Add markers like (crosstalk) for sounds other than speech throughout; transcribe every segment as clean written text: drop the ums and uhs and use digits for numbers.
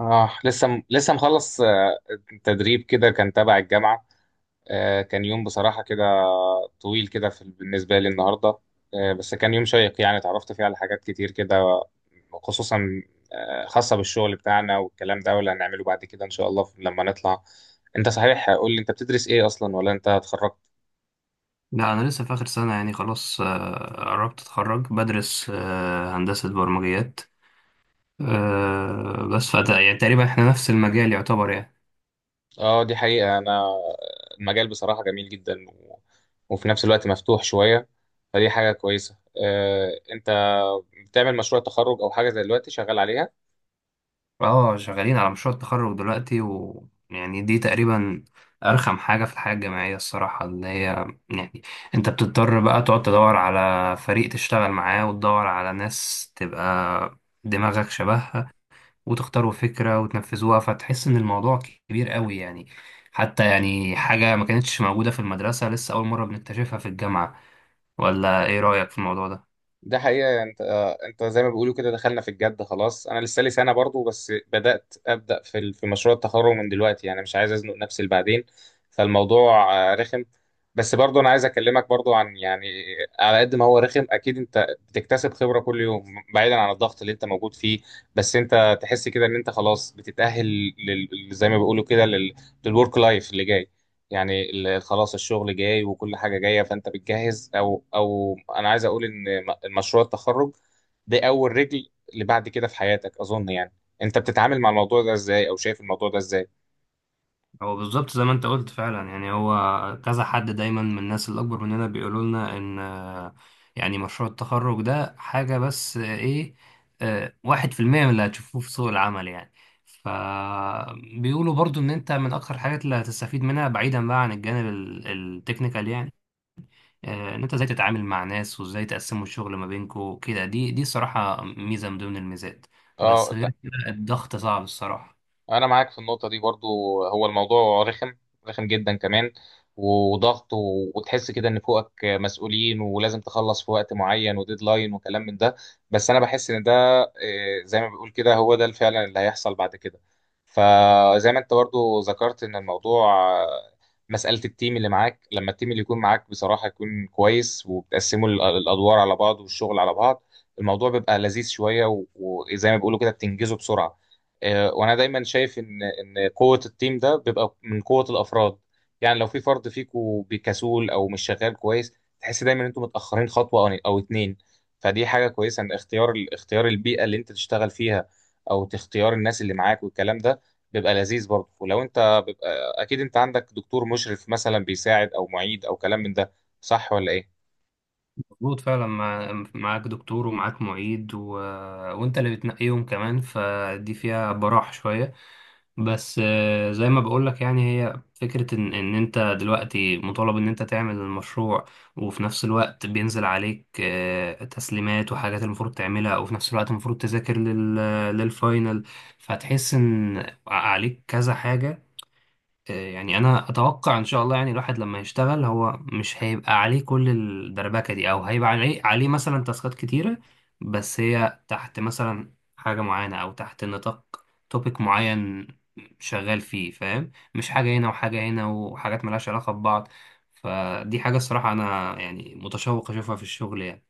اه، لسه مخلص. تدريب كده كان تبع الجامعة. كان يوم بصراحة كده طويل كده في بالنسبة لي النهاردة. بس كان يوم شيق، يعني اتعرفت فيه على حاجات كتير كده، خصوصا خاصة بالشغل بتاعنا والكلام ده واللي هنعمله بعد كده إن شاء الله لما نطلع. انت صحيح قول لي انت بتدرس ايه اصلا ولا انت اتخرجت؟ لا، أنا لسه في آخر سنة يعني خلاص، قربت أتخرج بدرس هندسة برمجيات. بس يعني تقريبا إحنا نفس المجال يعتبر يعني. اه، دي حقيقة. انا المجال بصراحة جميل جدا، و... وفي نفس الوقت مفتوح شوية، فدي حاجة كويسة. انت بتعمل مشروع تخرج او حاجة زي دلوقتي شغال عليها؟ اه، شغالين على مشروع التخرج دلوقتي، ويعني دي تقريبا أرخم حاجة في الحياة الجامعية الصراحة، اللي هي يعني أنت بتضطر بقى تقعد تدور على فريق تشتغل معاه وتدور على ناس تبقى دماغك شبهها، وتختاروا فكرة وتنفذوها، فتحس إن الموضوع كبير قوي يعني. حتى يعني حاجة ما كانتش موجودة في المدرسة، لسه أول مرة بنكتشفها في الجامعة. ولا إيه رأيك في الموضوع ده؟ ده حقيقة. انت زي ما بيقولوا كده دخلنا في الجد خلاص. انا لسه لي سنة برضو، بس بدأت ابدأ في مشروع التخرج من دلوقتي، يعني مش عايز ازنق نفسي لبعدين. فالموضوع رخم، بس برضو انا عايز اكلمك برضو عن يعني، على قد ما هو رخم اكيد انت بتكتسب خبرة كل يوم، بعيدا عن الضغط اللي انت موجود فيه. بس انت تحس كده ان انت خلاص بتتأهل زي ما بيقولوا كده للورك لايف اللي جاي، يعني خلاص الشغل جاي وكل حاجة جاية، فأنت بتجهز. أو أنا عايز أقول إن مشروع التخرج ده أول رجل اللي بعد كده في حياتك، أظن. يعني أنت بتتعامل مع الموضوع ده إزاي، أو شايف الموضوع ده إزاي؟ هو بالظبط زي ما أنت قلت فعلا يعني، هو كذا حد دايما من الناس الأكبر مننا بيقولوا لنا إن يعني مشروع التخرج ده حاجة، بس إيه، 1% من اللي هتشوفوه في سوق العمل يعني. فبيقولوا برضو إن أنت من أكتر الحاجات اللي هتستفيد منها بعيدا بقى عن الجانب التكنيكال يعني. ان انت ازاي تتعامل مع ناس، وازاي تقسموا الشغل ما بينكم كده، دي صراحة ميزة من ضمن الميزات. بس اه، غير كده الضغط صعب الصراحة. انا معاك في النقطه دي برضو. هو الموضوع رخم، رخم جدا كمان، وضغط و- وتحس كده ان فوقك مسؤولين ولازم تخلص في وقت معين وديدلاين وكلام من ده. بس انا بحس ان ده آه، زي ما بيقول كده هو ده فعلا اللي هيحصل بعد كده. فزي ما انت برضو ذكرت ان الموضوع آه، مساله التيم اللي معاك، لما التيم اللي يكون معاك بصراحه يكون كويس وبتقسموا الادوار على بعض والشغل على بعض، الموضوع بيبقى لذيذ شويه، و- وزي ما بيقولوا كده بتنجزه بسرعه. وانا دايما شايف ان قوه التيم ده بيبقى من قوه الافراد، يعني لو في فرد فيكو بكسول او مش شغال كويس تحس دايما ان انتوا متاخرين خطوه او اتنين. فدي حاجه كويسه، ان اختيار البيئه اللي انت تشتغل فيها او تختيار الناس اللي معاك والكلام ده، بيبقى لذيذ برضه. ولو انت بيبقى اكيد انت عندك دكتور مشرف مثلا بيساعد، او معيد، او كلام من ده، صح ولا ايه؟ مظبوط فعلا. معاك دكتور ومعاك معيد وانت اللي بتنقيهم كمان، فدي فيها براح شوية. بس زي ما بقولك يعني، هي فكرة ان انت دلوقتي مطالب ان انت تعمل المشروع، وفي نفس الوقت بينزل عليك تسليمات وحاجات المفروض تعملها، وفي نفس الوقت المفروض تذاكر للفاينل. فتحس ان عليك كذا حاجة. يعني انا اتوقع ان شاء الله، يعني الواحد لما يشتغل هو مش هيبقى عليه كل الدربكه دي، او هيبقى عليه مثلا تاسكات كتيره، بس هي تحت مثلا حاجه معينه، او تحت نطاق توبيك معين شغال فيه، فاهم؟ مش حاجه هنا وحاجه هنا وحاجات ملهاش علاقه ببعض. فدي حاجه الصراحه انا يعني متشوق اشوفها في الشغل يعني.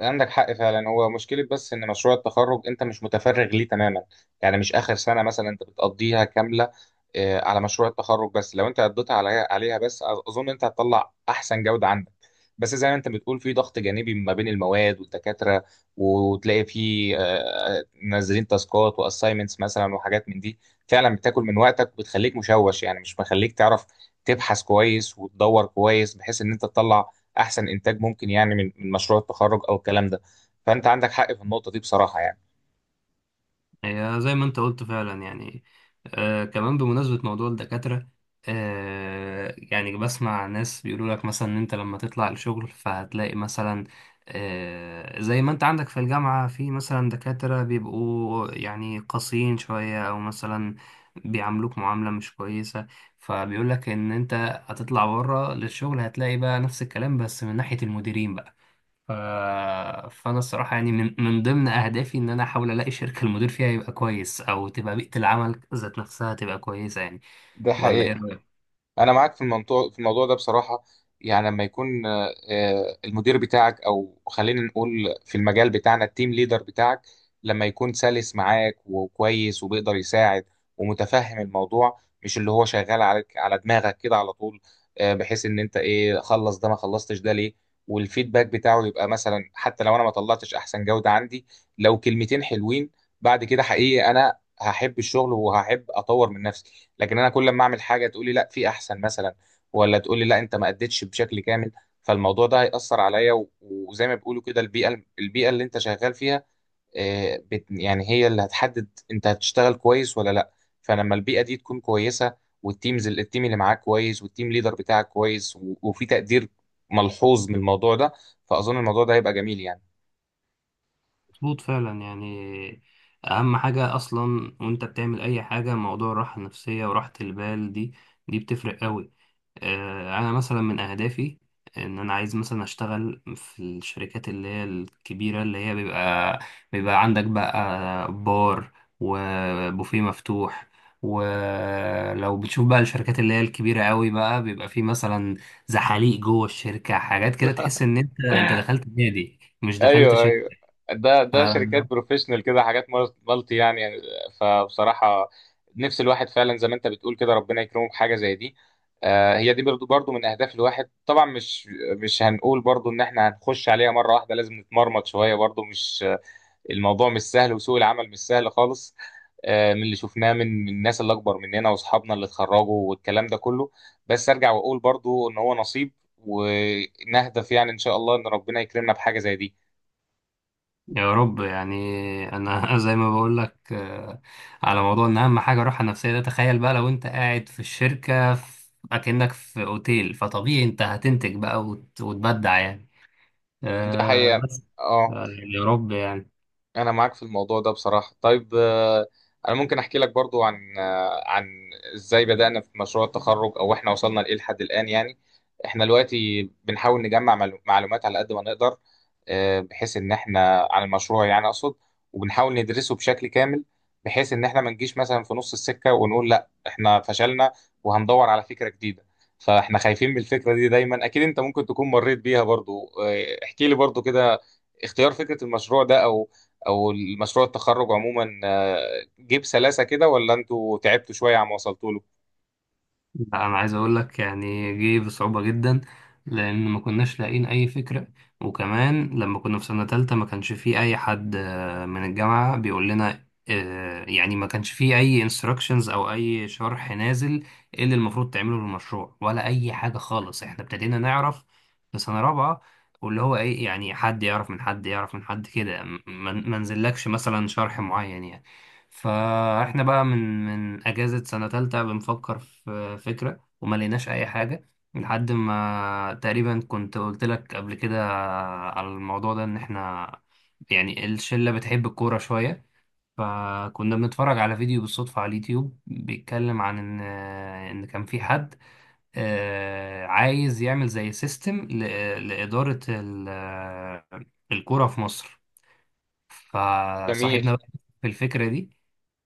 عندك حق فعلا. هو مشكلة بس إن مشروع التخرج أنت مش متفرغ ليه تماما، يعني مش آخر سنة مثلا أنت بتقضيها كاملة على مشروع التخرج. بس لو أنت قضيتها عليها بس، أظن أنت هتطلع أحسن جودة عندك. بس زي ما أنت بتقول، في ضغط جانبي ما بين المواد والدكاترة، وتلاقي في منزلين تاسكات وأسايمنتس مثلا وحاجات من دي، فعلا بتاكل من وقتك وبتخليك مشوش، يعني مش مخليك تعرف تبحث كويس وتدور كويس بحيث إن أنت تطلع احسن انتاج ممكن، يعني من مشروع التخرج او الكلام ده. فانت عندك حق في النقطه دي بصراحه يعني. هي زي ما انت قلت فعلا يعني. كمان، بمناسبة موضوع الدكاترة، يعني بسمع ناس بيقولوا لك مثلا ان انت لما تطلع الشغل فهتلاقي مثلا، زي ما انت عندك في الجامعة، في مثلا دكاترة بيبقوا يعني قاسيين شوية، او مثلا بيعاملوك معاملة مش كويسة. فبيقول لك ان انت هتطلع بره للشغل، هتلاقي بقى نفس الكلام بس من ناحية المديرين بقى. ف... فانا الصراحه يعني من ضمن اهدافي ان انا احاول الاقي شركه المدير فيها يبقى كويس، او تبقى بيئه العمل ذات نفسها تبقى كويسه يعني. ده ولا ايه حقيقي. رايك؟ انا معاك في الموضوع ده بصراحه، يعني لما يكون المدير بتاعك، او خلينا نقول في المجال بتاعنا التيم ليدر بتاعك، لما يكون سلس معاك وكويس وبيقدر يساعد ومتفهم الموضوع، مش اللي هو شغال عليك على دماغك كده على طول، بحيث ان انت ايه خلص ده، ما خلصتش ده ليه. والفيدباك بتاعه يبقى مثلا، حتى لو انا ما طلعتش احسن جوده عندي، لو كلمتين حلوين، بعد كده حقيقي انا هحب الشغل وهحب اطور من نفسي. لكن انا كل ما اعمل حاجه تقولي لا في احسن مثلا، ولا تقولي لا انت ما اديتش بشكل كامل، فالموضوع ده هيأثر عليا. و- وزي ما بيقولوا كده، البيئه اللي انت شغال فيها آه، بت يعني هي اللي هتحدد انت هتشتغل كويس ولا لا. فلما البيئه دي تكون كويسه، والتيمز التيم اللي معاك كويس، والتيم ليدر بتاعك كويس، و- وفي تقدير ملحوظ من الموضوع ده، فأظن الموضوع ده هيبقى جميل يعني. مظبوط فعلا يعني. اهم حاجه اصلا وانت بتعمل اي حاجه، موضوع الراحه النفسيه وراحه البال دي، دي بتفرق قوي. انا مثلا من اهدافي ان انا عايز مثلا اشتغل في الشركات اللي هي الكبيره، اللي هي بيبقى عندك بقى بار وبوفيه مفتوح. ولو بتشوف بقى الشركات اللي هي الكبيره قوي، بقى بيبقى في مثلا زحاليق جوه الشركه، حاجات كده تحس ان انت دخلت نادي مش دخلت ايوه، ايوه، ده شركات شركه. بروفيشنال كده، حاجات مالتي يعني، فبصراحه نفس الواحد فعلا زي ما انت بتقول كده ربنا يكرمه بحاجه زي دي. هي دي برضو من اهداف الواحد طبعا. مش هنقول برضو ان احنا هنخش عليها مره واحده، لازم نتمرمط شويه برضو. مش الموضوع مش سهل، وسوق العمل مش سهل خالص، من اللي شفناه من الناس اللي اكبر مننا واصحابنا اللي اتخرجوا والكلام ده كله. بس ارجع واقول برضو ان هو نصيب، ونهدف يعني ان شاء الله ان ربنا يكرمنا بحاجه زي دي. يا رب يعني. انا (laughs) زي ما بقول لك، على موضوع ان اهم حاجه الراحه النفسيه ده، تخيل بقى لو انت قاعد في الشركه، اكنك في اوتيل، فطبيعي انت هتنتج بقى وتبدع يعني. دي حقيقة. بس. اه، آه، يا رب يعني. انا معاك في الموضوع ده بصراحه. طيب انا ممكن احكي لك برضو عن ازاي بدانا في مشروع التخرج، او احنا وصلنا لايه لحد الان يعني. احنا دلوقتي بنحاول نجمع معلومات على قد ما نقدر، بحيث ان احنا عن المشروع يعني اقصد، وبنحاول ندرسه بشكل كامل، بحيث ان احنا ما نجيش مثلا في نص السكه ونقول لا احنا فشلنا وهندور على فكره جديده. فاحنا خايفين من الفكره دي دايما. اكيد انت ممكن تكون مريت بيها برضو. احكي لي برضو كده، اختيار فكرة المشروع ده، أو المشروع التخرج عموما، جه بسلاسه كده ولا انتوا تعبتوا شويه عم وصلتوا له؟ لا، انا عايز اقول لك يعني، جه بصعوبة جدا، لان ما كناش لاقيين اي فكرة. وكمان لما كنا في سنة تالتة ما كانش في اي حد من الجامعة بيقول لنا، يعني ما كانش في اي انستراكشنز او اي شرح نازل، ايه اللي المفروض تعمله للمشروع، ولا اي حاجة خالص. احنا ابتدينا نعرف في سنة رابعة، واللي هو ايه يعني، حد يعرف من حد يعرف من حد كده، ما نزلكش مثلا شرح معين يعني. فاحنا بقى من اجازة سنة تالتة بنفكر في فكرة، وما لقيناش اي حاجة، لحد ما تقريبا، كنت قلت لك قبل كده على الموضوع ده، ان احنا يعني الشلة بتحب الكورة شوية. فكنا بنتفرج على فيديو بالصدفة على اليوتيوب بيتكلم عن ان كان في حد عايز يعمل زي سيستم لإدارة الكورة في مصر. جميل. فصاحبنا بقى في الفكرة دي،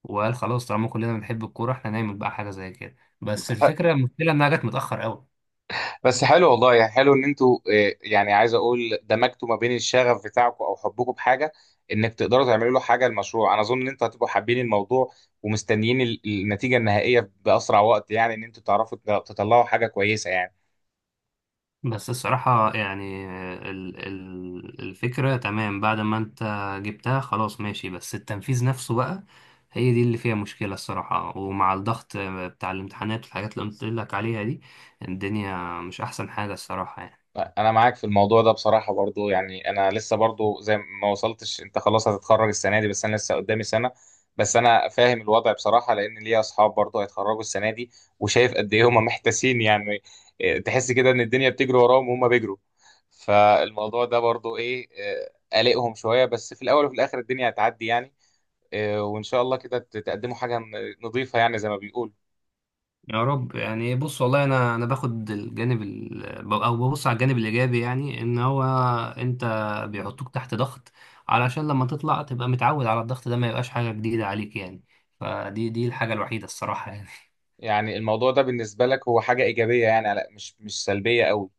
وقال خلاص طالما كلنا بنحب الكورة، احنا نعمل بقى حاجة زي كده. بس ح- الفكرة، المشكلة انها جت متأخر قوي. بس حلو والله، يعني حلو ان انتوا يعني عايز اقول دمجتوا ما بين الشغف بتاعكم او حبكم بحاجه انك تقدروا تعملوا له حاجه. المشروع انا اظن ان انتوا هتبقوا حابين الموضوع، ومستنيين النتيجه النهائيه باسرع وقت، يعني ان انتوا تعرفوا تطلعوا حاجه كويسه يعني. بس الصراحة يعني، ال ال الفكرة تمام بعد ما انت جبتها خلاص ماشي، بس التنفيذ نفسه بقى هي دي اللي فيها مشكلة الصراحة. ومع الضغط بتاع الامتحانات والحاجات اللي قلت لك عليها دي، الدنيا مش أحسن حاجة الصراحة يعني. انا معاك في الموضوع ده بصراحه برضو. يعني انا لسه برضو زي ما وصلتش، انت خلاص هتتخرج السنه دي بس انا لسه قدامي سنه، بس انا فاهم الوضع بصراحه، لان ليا اصحاب برضو هيتخرجوا السنه دي وشايف قد ايه هم محتاسين يعني. إيه، تحس كده ان الدنيا بتجري وراهم وهم بيجروا. فالموضوع ده برضو ايه، قلقهم شويه، بس في الاول وفي الاخر الدنيا هتعدي يعني. وان شاء الله كده تقدموا حاجه نظيفه، يعني زي ما بيقولوا. يا رب يعني. بص والله، انا باخد الجانب او ببص على الجانب الايجابي، يعني ان هو انت بيحطوك تحت ضغط علشان لما تطلع تبقى متعود على الضغط ده، ما يبقاش حاجه جديده عليك يعني. فدي، دي الحاجه الوحيده الصراحه يعني. يعني الموضوع ده بالنسبه لك هو حاجه ايجابيه يعني، مش سلبيه قوي.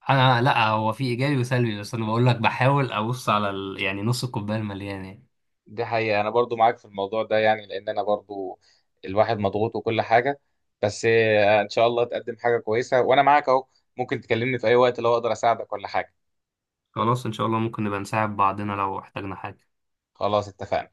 (laughs) انا لا، هو في ايجابي وسلبي، بس انا بقول لك بحاول ابص على يعني نص الكوبايه المليان يعني. دي حقيقة. أنا برضو معاك في الموضوع ده، يعني لأن أنا برضو الواحد مضغوط وكل حاجة. بس إن شاء الله تقدم حاجة كويسة، وأنا معاك أهو، ممكن تكلمني في أي وقت لو أقدر أساعدك ولا حاجة. خلاص، ان شاء الله ممكن نبقى نساعد بعضنا لو احتاجنا حاجه. خلاص، اتفقنا.